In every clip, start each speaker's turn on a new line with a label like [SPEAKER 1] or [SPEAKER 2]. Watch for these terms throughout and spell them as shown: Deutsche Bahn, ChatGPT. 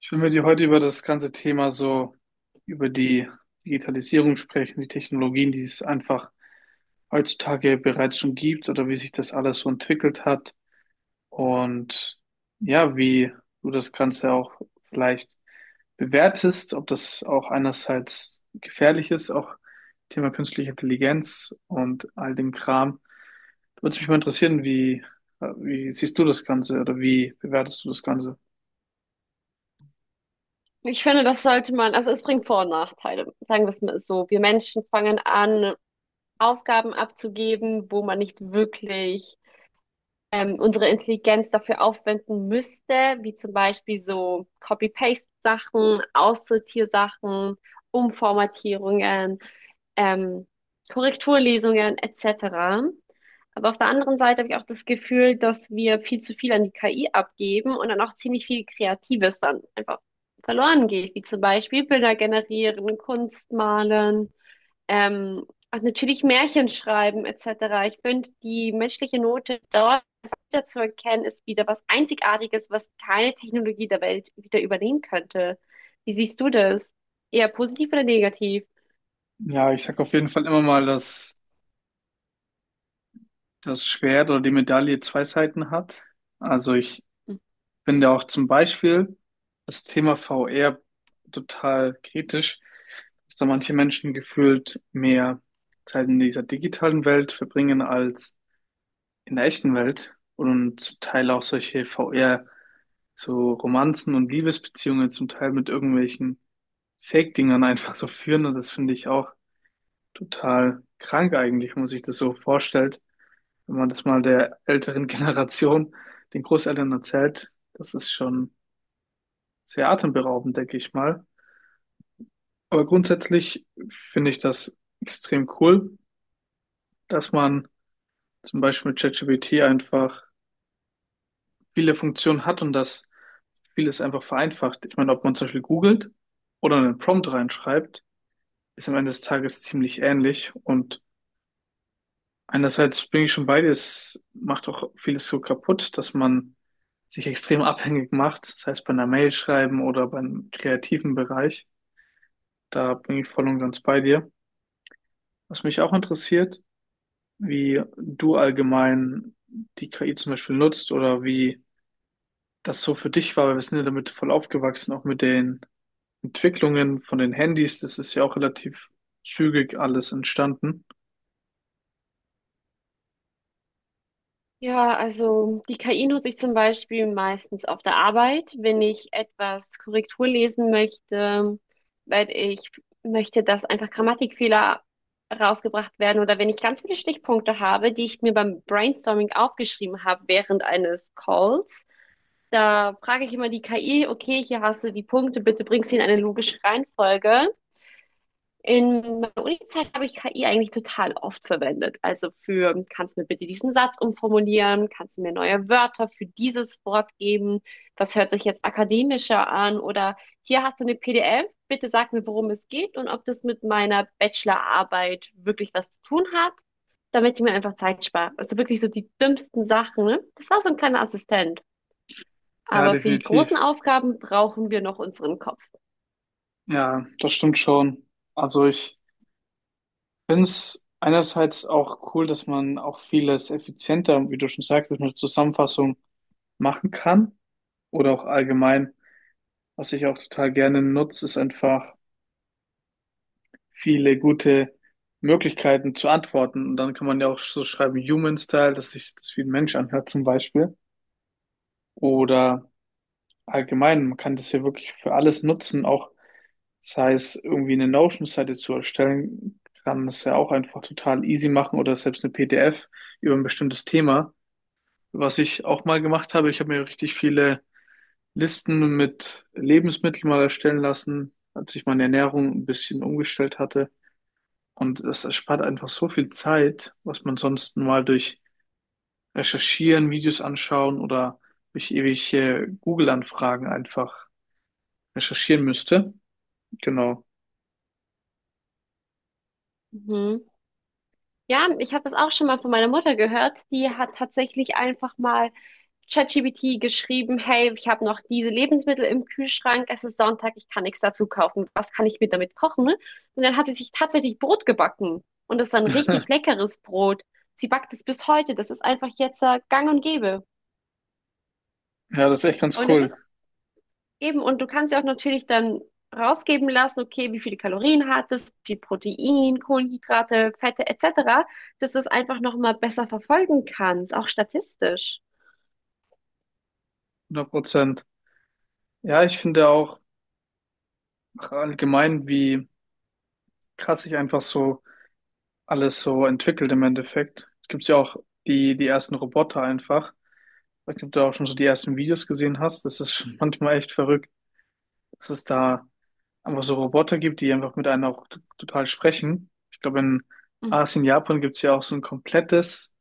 [SPEAKER 1] Ich will mit dir heute über das ganze Thema so, über die Digitalisierung sprechen, die Technologien, die es einfach heutzutage bereits schon gibt oder wie sich das alles so entwickelt hat. Und ja, wie du das Ganze auch vielleicht bewertest, ob das auch einerseits gefährlich ist, auch Thema künstliche Intelligenz und all dem Kram. Da würde mich mal interessieren, wie siehst du das Ganze oder wie bewertest du das Ganze?
[SPEAKER 2] Ich finde, das sollte man, also es bringt Vor- und Nachteile. Sagen wir es mal so. Wir Menschen fangen an, Aufgaben abzugeben, wo man nicht wirklich unsere Intelligenz dafür aufwenden müsste, wie zum Beispiel so Copy-Paste-Sachen, Aussortiersachen, Umformatierungen, ähm, Korrekturlesungen etc. Aber auf der anderen Seite habe ich auch das Gefühl, dass wir viel zu viel an die KI abgeben und dann auch ziemlich viel Kreatives dann einfach verloren geht, wie zum Beispiel Bilder generieren, Kunst malen. Ähm, und natürlich Märchen schreiben etc. Ich finde, die menschliche Note dort wieder zu erkennen, ist wieder was Einzigartiges, was keine Technologie der Welt wieder übernehmen könnte. Wie siehst du das? Eher positiv oder negativ?
[SPEAKER 1] Ja, ich sag auf jeden Fall immer mal, dass das Schwert oder die Medaille zwei Seiten hat. Also ich finde auch zum Beispiel das Thema VR total kritisch, dass da manche Menschen gefühlt mehr Zeit in dieser digitalen Welt verbringen als in der echten Welt und zum Teil auch solche VR, so Romanzen und Liebesbeziehungen zum Teil mit irgendwelchen Fake-Dingern einfach so führen, und das finde ich auch total krank eigentlich, wenn man sich das so vorstellt. Wenn man das mal der älteren Generation, den Großeltern erzählt, das ist schon sehr atemberaubend, denke ich mal. Aber grundsätzlich finde ich das extrem cool, dass man zum Beispiel mit ChatGPT einfach viele Funktionen hat und dass vieles einfach vereinfacht. Ich meine, ob man zum Beispiel googelt oder einen Prompt reinschreibt, ist am Ende des Tages ziemlich ähnlich. Und einerseits bin ich schon bei dir, es macht auch vieles so kaputt, dass man sich extrem abhängig macht, das heißt bei einer Mail schreiben oder beim kreativen Bereich. Da bin ich voll und ganz bei dir. Was mich auch interessiert, wie du allgemein die KI zum Beispiel nutzt oder wie das so für dich war, weil wir sind ja damit voll aufgewachsen, auch mit den Entwicklungen von den Handys, das ist ja auch relativ zügig alles entstanden.
[SPEAKER 2] Ja, also die KI nutze ich zum Beispiel meistens auf der Arbeit, wenn ich etwas Korrektur lesen möchte, weil ich möchte, dass einfach Grammatikfehler rausgebracht werden, oder wenn ich ganz viele Stichpunkte habe, die ich mir beim Brainstorming aufgeschrieben habe während eines Calls. Da frage ich immer die KI, okay, hier hast du die Punkte, bitte bring sie in eine logische Reihenfolge. In meiner Unizeit habe ich KI eigentlich total oft verwendet. Also für, kannst du mir bitte diesen Satz umformulieren? Kannst du mir neue Wörter für dieses Wort geben? Das hört sich jetzt akademischer an. Oder hier hast du eine PDF. Bitte sag mir, worum es geht und ob das mit meiner Bachelorarbeit wirklich was zu tun hat, damit ich mir einfach Zeit spare. Also wirklich so die dümmsten Sachen, ne? Das war so ein kleiner Assistent.
[SPEAKER 1] Ja,
[SPEAKER 2] Aber für die großen
[SPEAKER 1] definitiv.
[SPEAKER 2] Aufgaben brauchen wir noch unseren Kopf.
[SPEAKER 1] Ja, das stimmt schon. Also ich finde es einerseits auch cool, dass man auch vieles effizienter, wie du schon sagst, dass man eine Zusammenfassung machen kann oder auch allgemein, was ich auch total gerne nutze, ist einfach viele gute Möglichkeiten zu antworten. Und dann kann man ja auch so schreiben, Human Style, dass sich das wie ein Mensch anhört zum Beispiel. Oder allgemein, man kann das ja wirklich für alles nutzen, auch sei es irgendwie eine Notion-Seite zu erstellen, kann es ja auch einfach total easy machen oder selbst eine PDF über ein bestimmtes Thema. Was ich auch mal gemacht habe, ich habe mir richtig viele Listen mit Lebensmitteln mal erstellen lassen, als ich meine Ernährung ein bisschen umgestellt hatte. Und das erspart einfach so viel Zeit, was man sonst mal durch Recherchieren, Videos anschauen oder durch ewige Google-Anfragen einfach recherchieren müsste. Genau.
[SPEAKER 2] Mhm. Ja, ich habe das auch schon mal von meiner Mutter gehört. Die hat tatsächlich einfach mal ChatGPT geschrieben, hey, ich habe noch diese Lebensmittel im Kühlschrank, es ist Sonntag, ich kann nichts dazu kaufen. Was kann ich mir damit kochen? Und dann hat sie sich tatsächlich Brot gebacken. Und das war ein richtig leckeres Brot. Sie backt es bis heute. Das ist einfach jetzt gang und gäbe.
[SPEAKER 1] Ja, das ist echt ganz
[SPEAKER 2] Und es
[SPEAKER 1] cool.
[SPEAKER 2] ist, eben, und du kannst ja auch natürlich dann rausgeben lassen, okay, wie viele Kalorien hat es, wie viel Protein, Kohlenhydrate, Fette etc., dass du es einfach nochmal besser verfolgen kannst, auch statistisch.
[SPEAKER 1] 100%. Ja, ich finde auch allgemein, wie krass sich einfach so alles so entwickelt im Endeffekt. Es gibt ja auch die ersten Roboter einfach. Ich weiß nicht, ob du auch schon so die ersten Videos gesehen hast. Das ist schon manchmal echt verrückt, dass es da einfach so Roboter gibt, die einfach mit einem auch total sprechen. Ich glaube, in
[SPEAKER 2] Mhm.
[SPEAKER 1] Asien, Japan gibt's ja auch so ein komplettes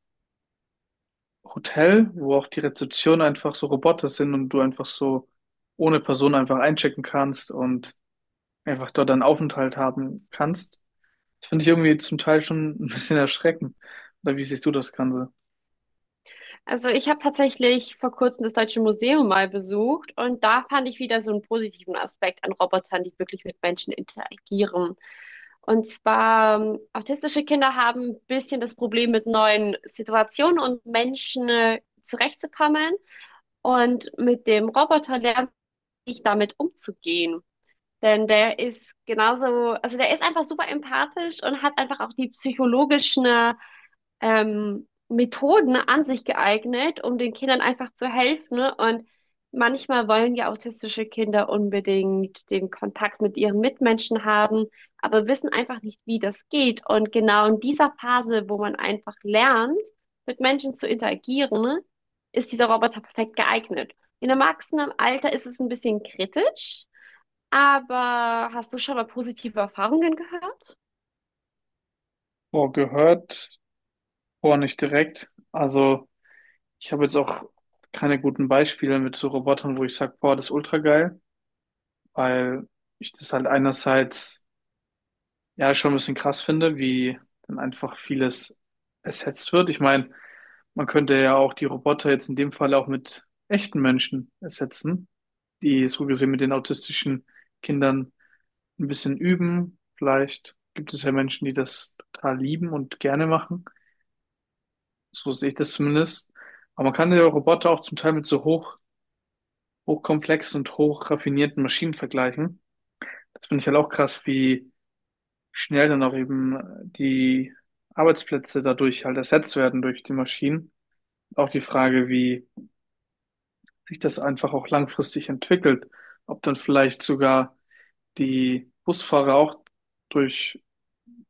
[SPEAKER 1] Hotel, wo auch die Rezeption einfach so Roboter sind und du einfach so ohne Person einfach einchecken kannst und einfach dort einen Aufenthalt haben kannst. Das finde ich irgendwie zum Teil schon ein bisschen erschreckend. Oder wie siehst du das Ganze?
[SPEAKER 2] Also ich habe tatsächlich vor kurzem das Deutsche Museum mal besucht und da fand ich wieder so einen positiven Aspekt an Robotern, die wirklich mit Menschen interagieren. Und zwar, autistische Kinder haben ein bisschen das Problem, mit neuen Situationen und Menschen zurechtzukommen. Und mit dem Roboter lernen damit umzugehen. Denn der ist genauso, also der ist einfach super empathisch und hat einfach auch die psychologischen Methoden an sich geeignet, um den Kindern einfach zu helfen, ne? Und manchmal wollen ja autistische Kinder unbedingt den Kontakt mit ihren Mitmenschen haben, aber wissen einfach nicht, wie das geht. Und genau in dieser Phase, wo man einfach lernt, mit Menschen zu interagieren, ne, ist dieser Roboter perfekt geeignet. In erwachsenem Alter ist es ein bisschen kritisch, aber hast du schon mal positive Erfahrungen gehört?
[SPEAKER 1] Boah, gehört, boah, nicht direkt. Also, ich habe jetzt auch keine guten Beispiele mit so Robotern, wo ich sage, boah, das ist ultra geil. Weil ich das halt einerseits ja schon ein bisschen krass finde, wie dann einfach vieles ersetzt wird. Ich meine, man könnte ja auch die Roboter jetzt in dem Fall auch mit echten Menschen ersetzen, die so gesehen mit den autistischen Kindern ein bisschen üben. Vielleicht gibt es ja Menschen, die das total lieben und gerne machen. So sehe ich das zumindest. Aber man kann ja Roboter auch zum Teil mit so hochkomplexen und hochraffinierten Maschinen vergleichen. Das finde ich halt auch krass, wie schnell dann auch eben die Arbeitsplätze dadurch halt ersetzt werden durch die Maschinen. Auch die Frage, wie sich das einfach auch langfristig entwickelt, ob dann vielleicht sogar die Busfahrer auch durch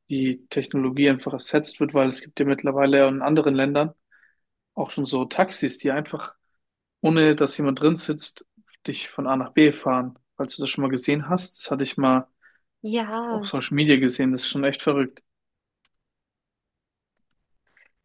[SPEAKER 1] die Technologie einfach ersetzt wird, weil es gibt ja mittlerweile in anderen Ländern auch schon so Taxis, die einfach, ohne dass jemand drin sitzt, dich von A nach B fahren. Falls du das schon mal gesehen hast, das hatte ich mal auf
[SPEAKER 2] Ja.
[SPEAKER 1] Social Media gesehen, das ist schon echt verrückt.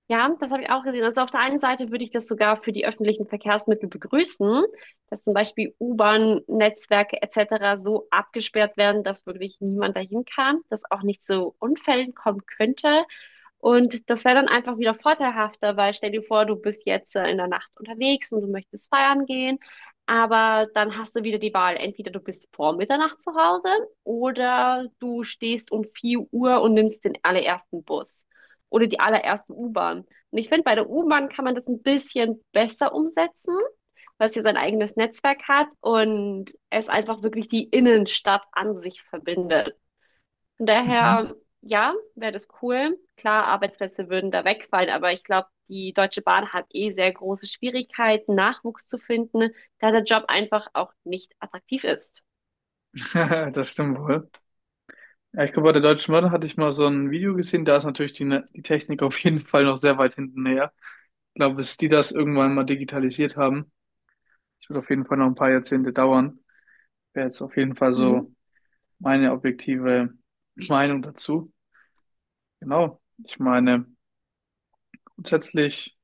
[SPEAKER 2] Ja, das habe ich auch gesehen. Also auf der einen Seite würde ich das sogar für die öffentlichen Verkehrsmittel begrüßen, dass zum Beispiel U-Bahn-Netzwerke etc. so abgesperrt werden, dass wirklich niemand dahin kann, dass auch nicht zu Unfällen kommen könnte. Und das wäre dann einfach wieder vorteilhafter, weil stell dir vor, du bist jetzt in der Nacht unterwegs und du möchtest feiern gehen, aber dann hast du wieder die Wahl. Entweder du bist vor Mitternacht zu Hause oder du stehst um 4 Uhr und nimmst den allerersten Bus oder die allererste U-Bahn. Und ich finde, bei der U-Bahn kann man das ein bisschen besser umsetzen, weil es hier sein eigenes Netzwerk hat und es einfach wirklich die Innenstadt an sich verbindet. Von
[SPEAKER 1] Mhm.
[SPEAKER 2] daher, ja, wäre das cool. Klar, Arbeitsplätze würden da wegfallen, aber ich glaube, die Deutsche Bahn hat eh sehr große Schwierigkeiten, Nachwuchs zu finden, da der Job einfach auch nicht attraktiv ist.
[SPEAKER 1] Das stimmt wohl. Ja, ich glaube, bei der Deutschen Bahn hatte ich mal so ein Video gesehen, da ist natürlich die Technik auf jeden Fall noch sehr weit hinten her. Ich glaube, bis die das irgendwann mal digitalisiert haben, das wird auf jeden Fall noch ein paar Jahrzehnte dauern. Wäre jetzt auf jeden Fall
[SPEAKER 2] Mhm.
[SPEAKER 1] so meine objektive Meinung dazu. Genau. Ich meine, grundsätzlich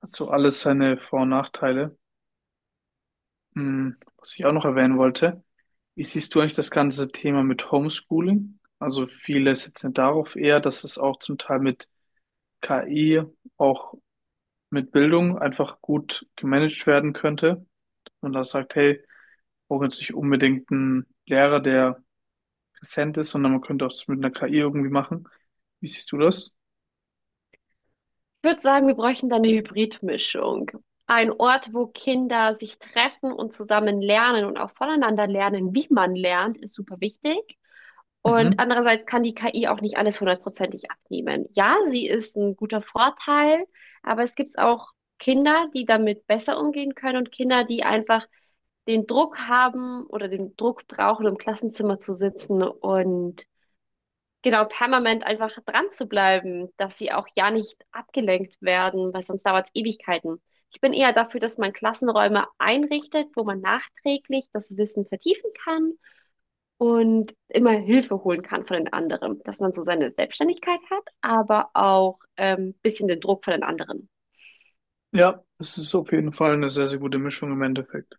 [SPEAKER 1] hat so alles seine Vor- und Nachteile. Hm, was ich auch noch erwähnen wollte, wie siehst du eigentlich das ganze Thema mit Homeschooling? Also viele setzen darauf eher, dass es auch zum Teil mit KI auch mit Bildung einfach gut gemanagt werden könnte. Und da sagt, hey, wir brauchen jetzt nicht unbedingt einen Lehrer, der präsent ist, sondern man könnte auch das mit einer KI irgendwie machen. Wie siehst du das?
[SPEAKER 2] Ich würde sagen, wir bräuchten da eine Hybridmischung. Ein Ort, wo Kinder sich treffen und zusammen lernen und auch voneinander lernen, wie man lernt, ist super wichtig. Und
[SPEAKER 1] Mhm.
[SPEAKER 2] andererseits kann die KI auch nicht alles hundertprozentig abnehmen. Ja, sie ist ein guter Vorteil, aber es gibt auch Kinder, die damit besser umgehen können, und Kinder, die einfach den Druck haben oder den Druck brauchen, um im Klassenzimmer zu sitzen und genau permanent einfach dran zu bleiben, dass sie auch ja nicht abgelenkt werden, weil sonst dauert es Ewigkeiten. Ich bin eher dafür, dass man Klassenräume einrichtet, wo man nachträglich das Wissen vertiefen kann und immer Hilfe holen kann von den anderen, dass man so seine Selbstständigkeit hat, aber auch ein bisschen den Druck von den anderen.
[SPEAKER 1] Ja, das ist auf jeden Fall eine sehr, sehr gute Mischung im Endeffekt.